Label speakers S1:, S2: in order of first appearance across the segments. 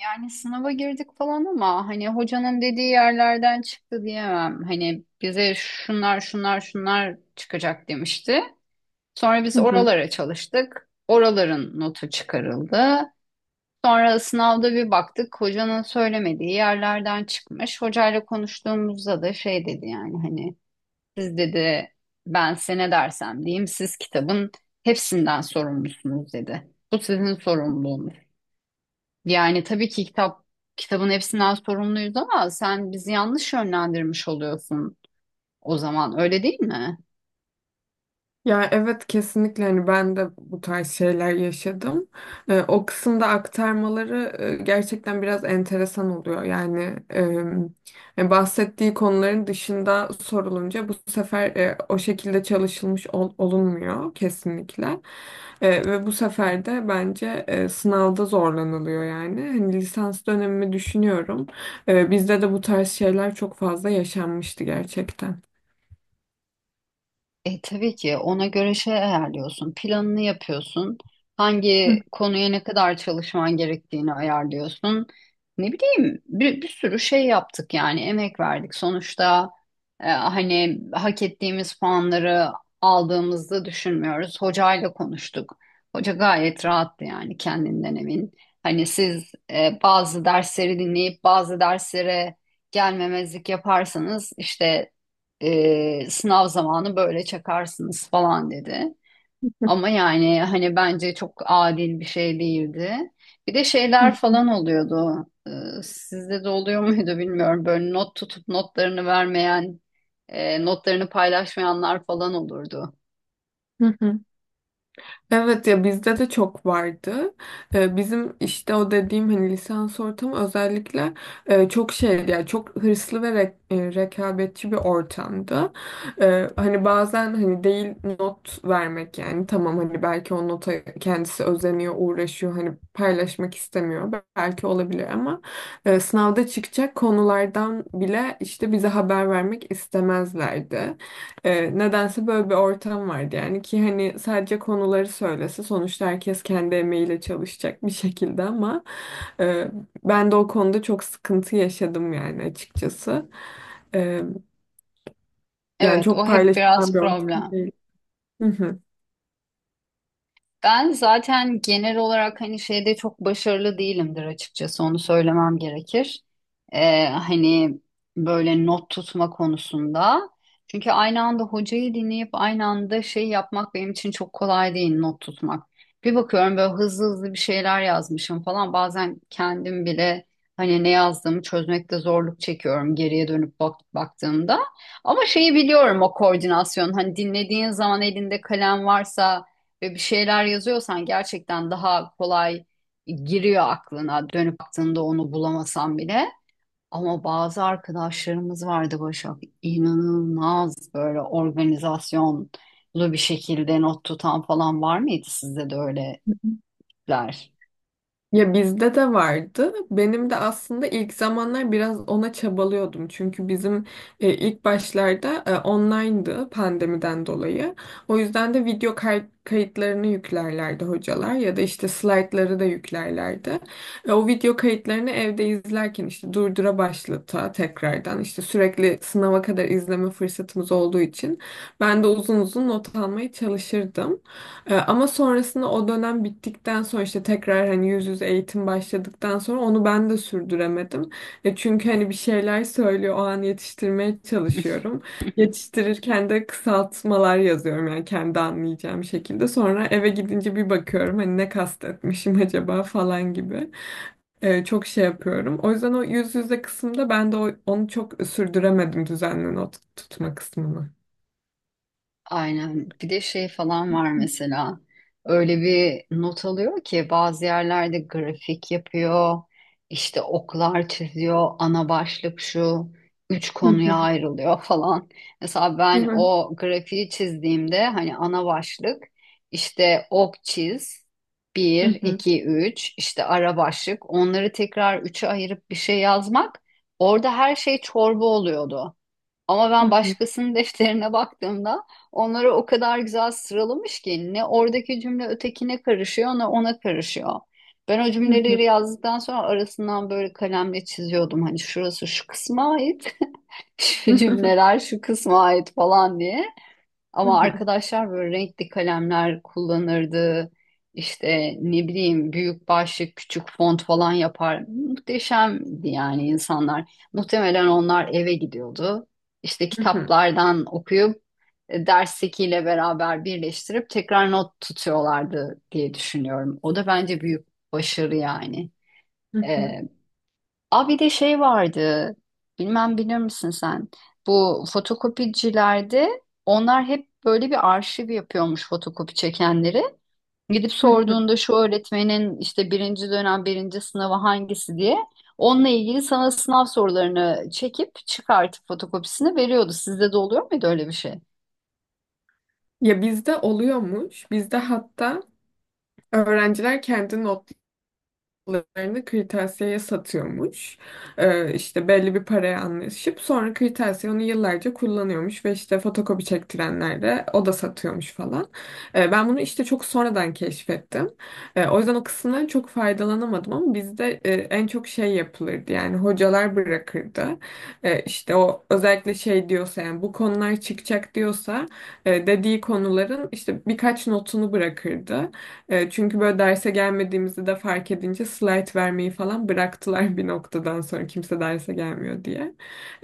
S1: Yani sınava girdik falan ama hani hocanın dediği yerlerden çıktı diyemem. Hani bize şunlar şunlar şunlar çıkacak demişti. Sonra biz
S2: Hı hı.
S1: oralara çalıştık. Oraların notu çıkarıldı. Sonra sınavda bir baktık hocanın söylemediği yerlerden çıkmış. Hocayla konuştuğumuzda da şey dedi yani hani siz dedi ben size ne dersem diyeyim siz kitabın hepsinden sorumlusunuz dedi. Bu sizin sorumluluğunuz. Yani tabii ki kitabın hepsinden sorumluyuz ama sen bizi yanlış yönlendirmiş oluyorsun o zaman öyle değil mi?
S2: Ya evet, kesinlikle hani ben de bu tarz şeyler yaşadım. O kısımda aktarmaları, gerçekten biraz enteresan oluyor. Yani, bahsettiği konuların dışında sorulunca bu sefer, o şekilde çalışılmış olunmuyor kesinlikle. Ve bu sefer de bence, sınavda zorlanılıyor yani. Hani lisans dönemimi düşünüyorum. Bizde de bu tarz şeyler çok fazla yaşanmıştı gerçekten.
S1: Tabii ki ona göre şey ayarlıyorsun, planını yapıyorsun, hangi
S2: Hı
S1: konuya ne kadar çalışman gerektiğini ayarlıyorsun. Ne bileyim bir sürü şey yaptık yani emek verdik. Sonuçta hani hak ettiğimiz puanları aldığımızı düşünmüyoruz. Hocayla konuştuk. Hoca gayet rahattı yani kendinden emin. Hani siz bazı dersleri dinleyip bazı derslere gelmemezlik yaparsanız işte sınav zamanı böyle çakarsınız falan dedi. Ama yani hani bence çok adil bir şey değildi. Bir de
S2: hı,
S1: şeyler falan oluyordu. Sizde de oluyor muydu bilmiyorum. Böyle not tutup notlarını vermeyen, notlarını paylaşmayanlar falan olurdu.
S2: hı hı. Evet, ya bizde de çok vardı. Bizim işte o dediğim hani lisans ortamı özellikle, çok şeydi yani çok hırslı ve rekabetçi bir ortamdı. Hani bazen hani değil not vermek yani, tamam, hani belki o nota kendisi özeniyor, uğraşıyor, hani paylaşmak istemiyor belki, olabilir, ama, sınavda çıkacak konulardan bile işte bize haber vermek istemezlerdi. Nedense böyle bir ortam vardı yani, ki hani sadece konuları söylese sonuçta herkes kendi emeğiyle çalışacak bir şekilde, ama, e, ben de o konuda çok sıkıntı yaşadım yani, açıkçası. E, yani
S1: Evet, o
S2: çok
S1: hep
S2: paylaşılan
S1: biraz
S2: bir ortam
S1: problem.
S2: değil. Hı hı.
S1: Ben zaten genel olarak hani şeyde çok başarılı değilimdir açıkçası onu söylemem gerekir. Hani böyle not tutma konusunda. Çünkü aynı anda hocayı dinleyip aynı anda şey yapmak benim için çok kolay değil not tutmak. Bir bakıyorum böyle hızlı hızlı bir şeyler yazmışım falan. Bazen kendim bile hani ne yazdığımı çözmekte zorluk çekiyorum geriye dönüp baktığımda. Ama şeyi biliyorum o koordinasyon. Hani dinlediğin zaman elinde kalem varsa ve bir şeyler yazıyorsan gerçekten daha kolay giriyor aklına dönüp baktığında onu bulamasan bile. Ama bazı arkadaşlarımız vardı Başak, inanılmaz böyle organizasyonlu bir şekilde not tutan falan var mıydı sizde de öyleler?
S2: Ya bizde de vardı. Benim de aslında ilk zamanlar biraz ona çabalıyordum. Çünkü bizim, ilk başlarda, online'dı pandemiden dolayı. O yüzden de video kayıtlarını yüklerlerdi hocalar, ya da işte slaytları da yüklerlerdi. O video kayıtlarını evde izlerken işte durdura başlata, tekrardan işte sürekli sınava kadar izleme fırsatımız olduğu için ben de uzun uzun not almaya çalışırdım. Ama sonrasında o dönem bittikten sonra işte tekrar, hani yüz yüze eğitim başladıktan sonra onu ben de sürdüremedim. Çünkü hani bir şeyler söylüyor, o an yetiştirmeye çalışıyorum. Yetiştirirken de kısaltmalar yazıyorum yani, kendi anlayacağım şekilde. Sonra eve gidince bir bakıyorum, hani ne kastetmişim acaba falan gibi. Çok şey yapıyorum. O yüzden o yüz yüze kısımda ben de onu çok sürdüremedim, düzenli not tutma kısmını.
S1: Aynen. Bir de şey falan var mesela. Öyle bir not alıyor ki bazı yerlerde grafik yapıyor, işte oklar çiziyor, ana başlık şu, üç
S2: Hı
S1: konuya
S2: hı.
S1: ayrılıyor falan. Mesela
S2: Hı
S1: ben
S2: hı.
S1: o grafiği çizdiğimde hani ana başlık işte ok çiz,
S2: Hı
S1: bir,
S2: hı.
S1: iki, üç, işte ara başlık onları tekrar üçe ayırıp bir şey yazmak, orada her şey çorba oluyordu. Ama
S2: Hı
S1: ben
S2: hı.
S1: başkasının defterine baktığımda onları o kadar güzel sıralamış ki ne oradaki cümle ötekine karışıyor ne ona karışıyor. Ben o
S2: Hı hı.
S1: cümleleri yazdıktan sonra arasından böyle kalemle çiziyordum. Hani şurası şu kısma ait, şu cümleler şu kısma ait falan diye.
S2: Hı
S1: Ama
S2: hı.
S1: arkadaşlar böyle renkli kalemler kullanırdı. İşte ne bileyim büyük başlık, küçük font falan yapar. Muhteşemdi yani insanlar. Muhtemelen onlar eve gidiyordu. İşte
S2: Hı hı,
S1: kitaplardan okuyup derstekiyle beraber birleştirip tekrar not tutuyorlardı diye düşünüyorum. O da bence büyük başarı yani.
S2: hı hı,
S1: E, Aa, bir de şey vardı. Bilmem bilir misin sen? Bu fotokopicilerde onlar hep böyle bir arşiv yapıyormuş fotokopi çekenleri. Gidip
S2: hı hı.
S1: sorduğunda şu öğretmenin işte birinci dönem birinci sınavı hangisi diye onunla ilgili sana sınav sorularını çekip çıkartıp fotokopisini veriyordu. Sizde de oluyor muydu öyle bir şey?
S2: Ya bizde oluyormuş. Bizde hatta öğrenciler kendi not larını kırtasiyeye satıyormuş. İşte belli bir paraya anlaşıp sonra kırtasiye onu yıllarca kullanıyormuş, ve işte fotokopi çektirenler de, o da satıyormuş falan. Ben bunu işte çok sonradan keşfettim. O yüzden o kısımdan çok faydalanamadım, ama bizde, en çok şey yapılırdı yani, hocalar bırakırdı. İşte o özellikle şey diyorsa yani, bu konular çıkacak diyorsa, dediği konuların işte birkaç notunu bırakırdı. Çünkü böyle derse gelmediğimizi de fark edince slide vermeyi falan bıraktılar bir noktadan sonra, kimse derse gelmiyor diye.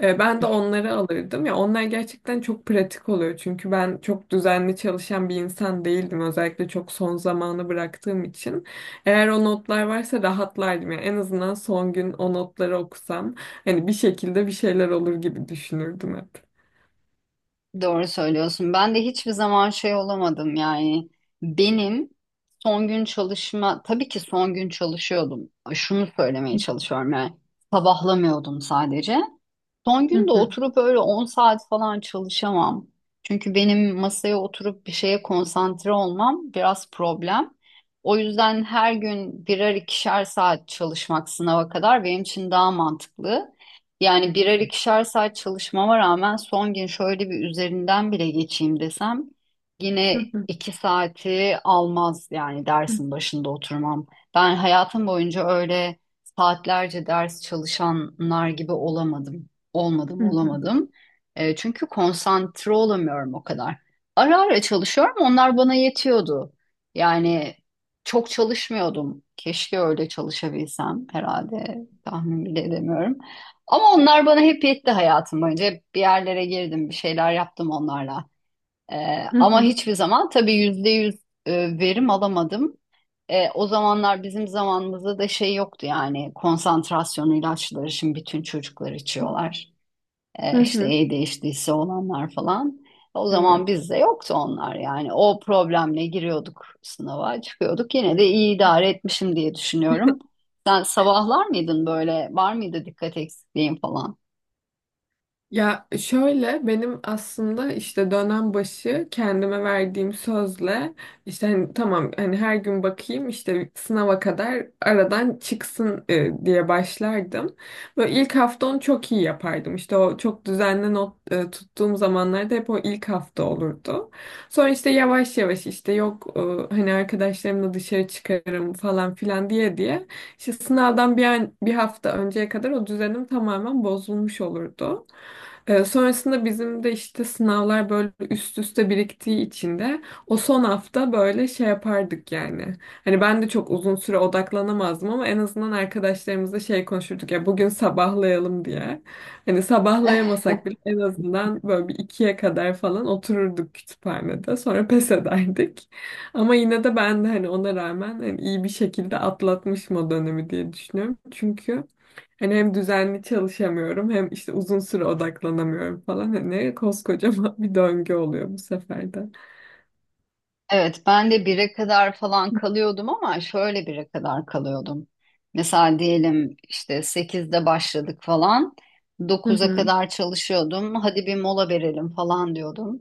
S2: Ben de onları alırdım. Ya onlar gerçekten çok pratik oluyor. Çünkü ben çok düzenli çalışan bir insan değildim. Özellikle çok son zamanı bıraktığım için. Eğer o notlar varsa rahatlardım. Yani en azından son gün o notları okusam hani, bir şekilde bir şeyler olur gibi düşünürdüm hep.
S1: Doğru söylüyorsun. Ben de hiçbir zaman şey olamadım yani. Benim son gün çalışma, tabii ki son gün çalışıyordum. Şunu söylemeye çalışıyorum yani. Sabahlamıyordum sadece. Son
S2: Hı
S1: gün de
S2: hı,
S1: oturup öyle 10 saat falan çalışamam. Çünkü benim masaya oturup bir şeye konsantre olmam biraz problem. O yüzden her gün birer ikişer saat çalışmak sınava kadar benim için daha mantıklı. Yani birer ikişer saat çalışmama rağmen son gün şöyle bir üzerinden bile geçeyim desem
S2: hı
S1: yine
S2: hı,
S1: 2 saati almaz yani
S2: hı
S1: dersin başında oturmam. Ben hayatım boyunca öyle saatlerce ders çalışanlar gibi olamadım. Olmadım,
S2: hı,
S1: olamadım. Çünkü konsantre olamıyorum o kadar. Ara ara çalışıyorum, onlar bana yetiyordu. Yani çok çalışmıyordum. Keşke öyle çalışabilsem, herhalde tahmin bile edemiyorum. Ama onlar bana hep yetti hayatım boyunca. Hep bir yerlere girdim, bir şeyler yaptım onlarla. E,
S2: hı
S1: ama
S2: hı,
S1: hiçbir zaman tabii %100 verim alamadım. O zamanlar bizim zamanımızda da şey yoktu yani, konsantrasyon ilaçları şimdi bütün çocuklar içiyorlar.
S2: hı
S1: E,
S2: hı, hı
S1: işte
S2: hı.
S1: değiştiyse olanlar falan. O zaman
S2: Evet.
S1: bizde yoktu onlar yani. O problemle giriyorduk sınava, çıkıyorduk. Yine de iyi idare etmişim diye düşünüyorum. Sen sabahlar mıydın böyle? Var mıydı dikkat eksikliğin falan?
S2: Ya şöyle, benim aslında işte dönem başı kendime verdiğim sözle işte, hani tamam, hani her gün bakayım işte, sınava kadar aradan çıksın, diye başlardım. Böyle ilk hafta onu çok iyi yapardım. İşte o çok düzenli not, tuttuğum zamanlarda hep o ilk hafta olurdu. Sonra işte yavaş yavaş işte, yok, hani arkadaşlarımla dışarı çıkarım falan filan diye diye işte sınavdan bir hafta önceye kadar o düzenim tamamen bozulmuş olurdu. Sonrasında bizim de işte sınavlar böyle üst üste biriktiği için de o son hafta böyle şey yapardık yani. Hani ben de çok uzun süre odaklanamazdım, ama en azından arkadaşlarımızla şey konuşurduk, ya bugün sabahlayalım diye. Hani sabahlayamasak bile en azından böyle bir ikiye kadar falan otururduk kütüphanede. Sonra pes ederdik. Ama yine de ben de hani ona rağmen hani iyi bir şekilde atlatmışım o dönemi diye düşünüyorum. Çünkü hani hem düzenli çalışamıyorum, hem işte uzun süre odaklanamıyorum falan. Hani koskocaman bir döngü oluyor bu sefer de.
S1: Evet, ben de 1'e kadar falan kalıyordum, ama şöyle 1'e kadar kalıyordum. Mesela diyelim işte 8'de başladık falan.
S2: Hı
S1: 9'a
S2: hı,
S1: kadar çalışıyordum. Hadi bir mola verelim falan diyordum.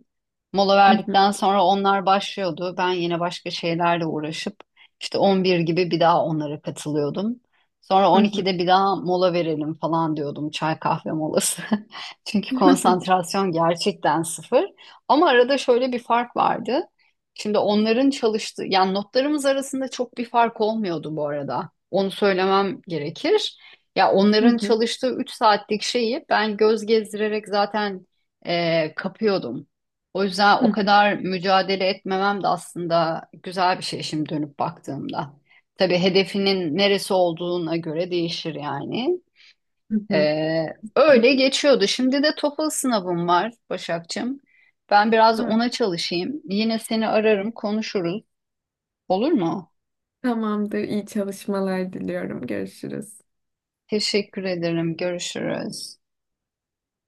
S1: Mola
S2: hı hı,
S1: verdikten sonra onlar başlıyordu. Ben yine başka şeylerle uğraşıp işte 11 gibi bir daha onlara katılıyordum. Sonra
S2: hı hı.
S1: 12'de bir daha mola verelim falan diyordum. Çay kahve molası. Çünkü konsantrasyon gerçekten sıfır. Ama arada şöyle bir fark vardı. Şimdi onların çalıştığı, yani notlarımız arasında çok bir fark olmuyordu bu arada. Onu söylemem gerekir. Ya
S2: Hı
S1: onların
S2: hı,
S1: çalıştığı 3 saatlik şeyi ben göz gezdirerek zaten kapıyordum. O yüzden
S2: hı
S1: o
S2: hı,
S1: kadar mücadele etmemem de aslında güzel bir şey şimdi dönüp baktığımda. Tabii hedefinin neresi olduğuna göre değişir yani.
S2: hı hı.
S1: Ee, öyle geçiyordu. Şimdi de TOEFL sınavım var Başakçığım. Ben biraz
S2: Evet,
S1: ona çalışayım. Yine seni ararım, konuşuruz. Olur mu?
S2: tamamdır. İyi çalışmalar diliyorum. Görüşürüz.
S1: Teşekkür ederim. Görüşürüz.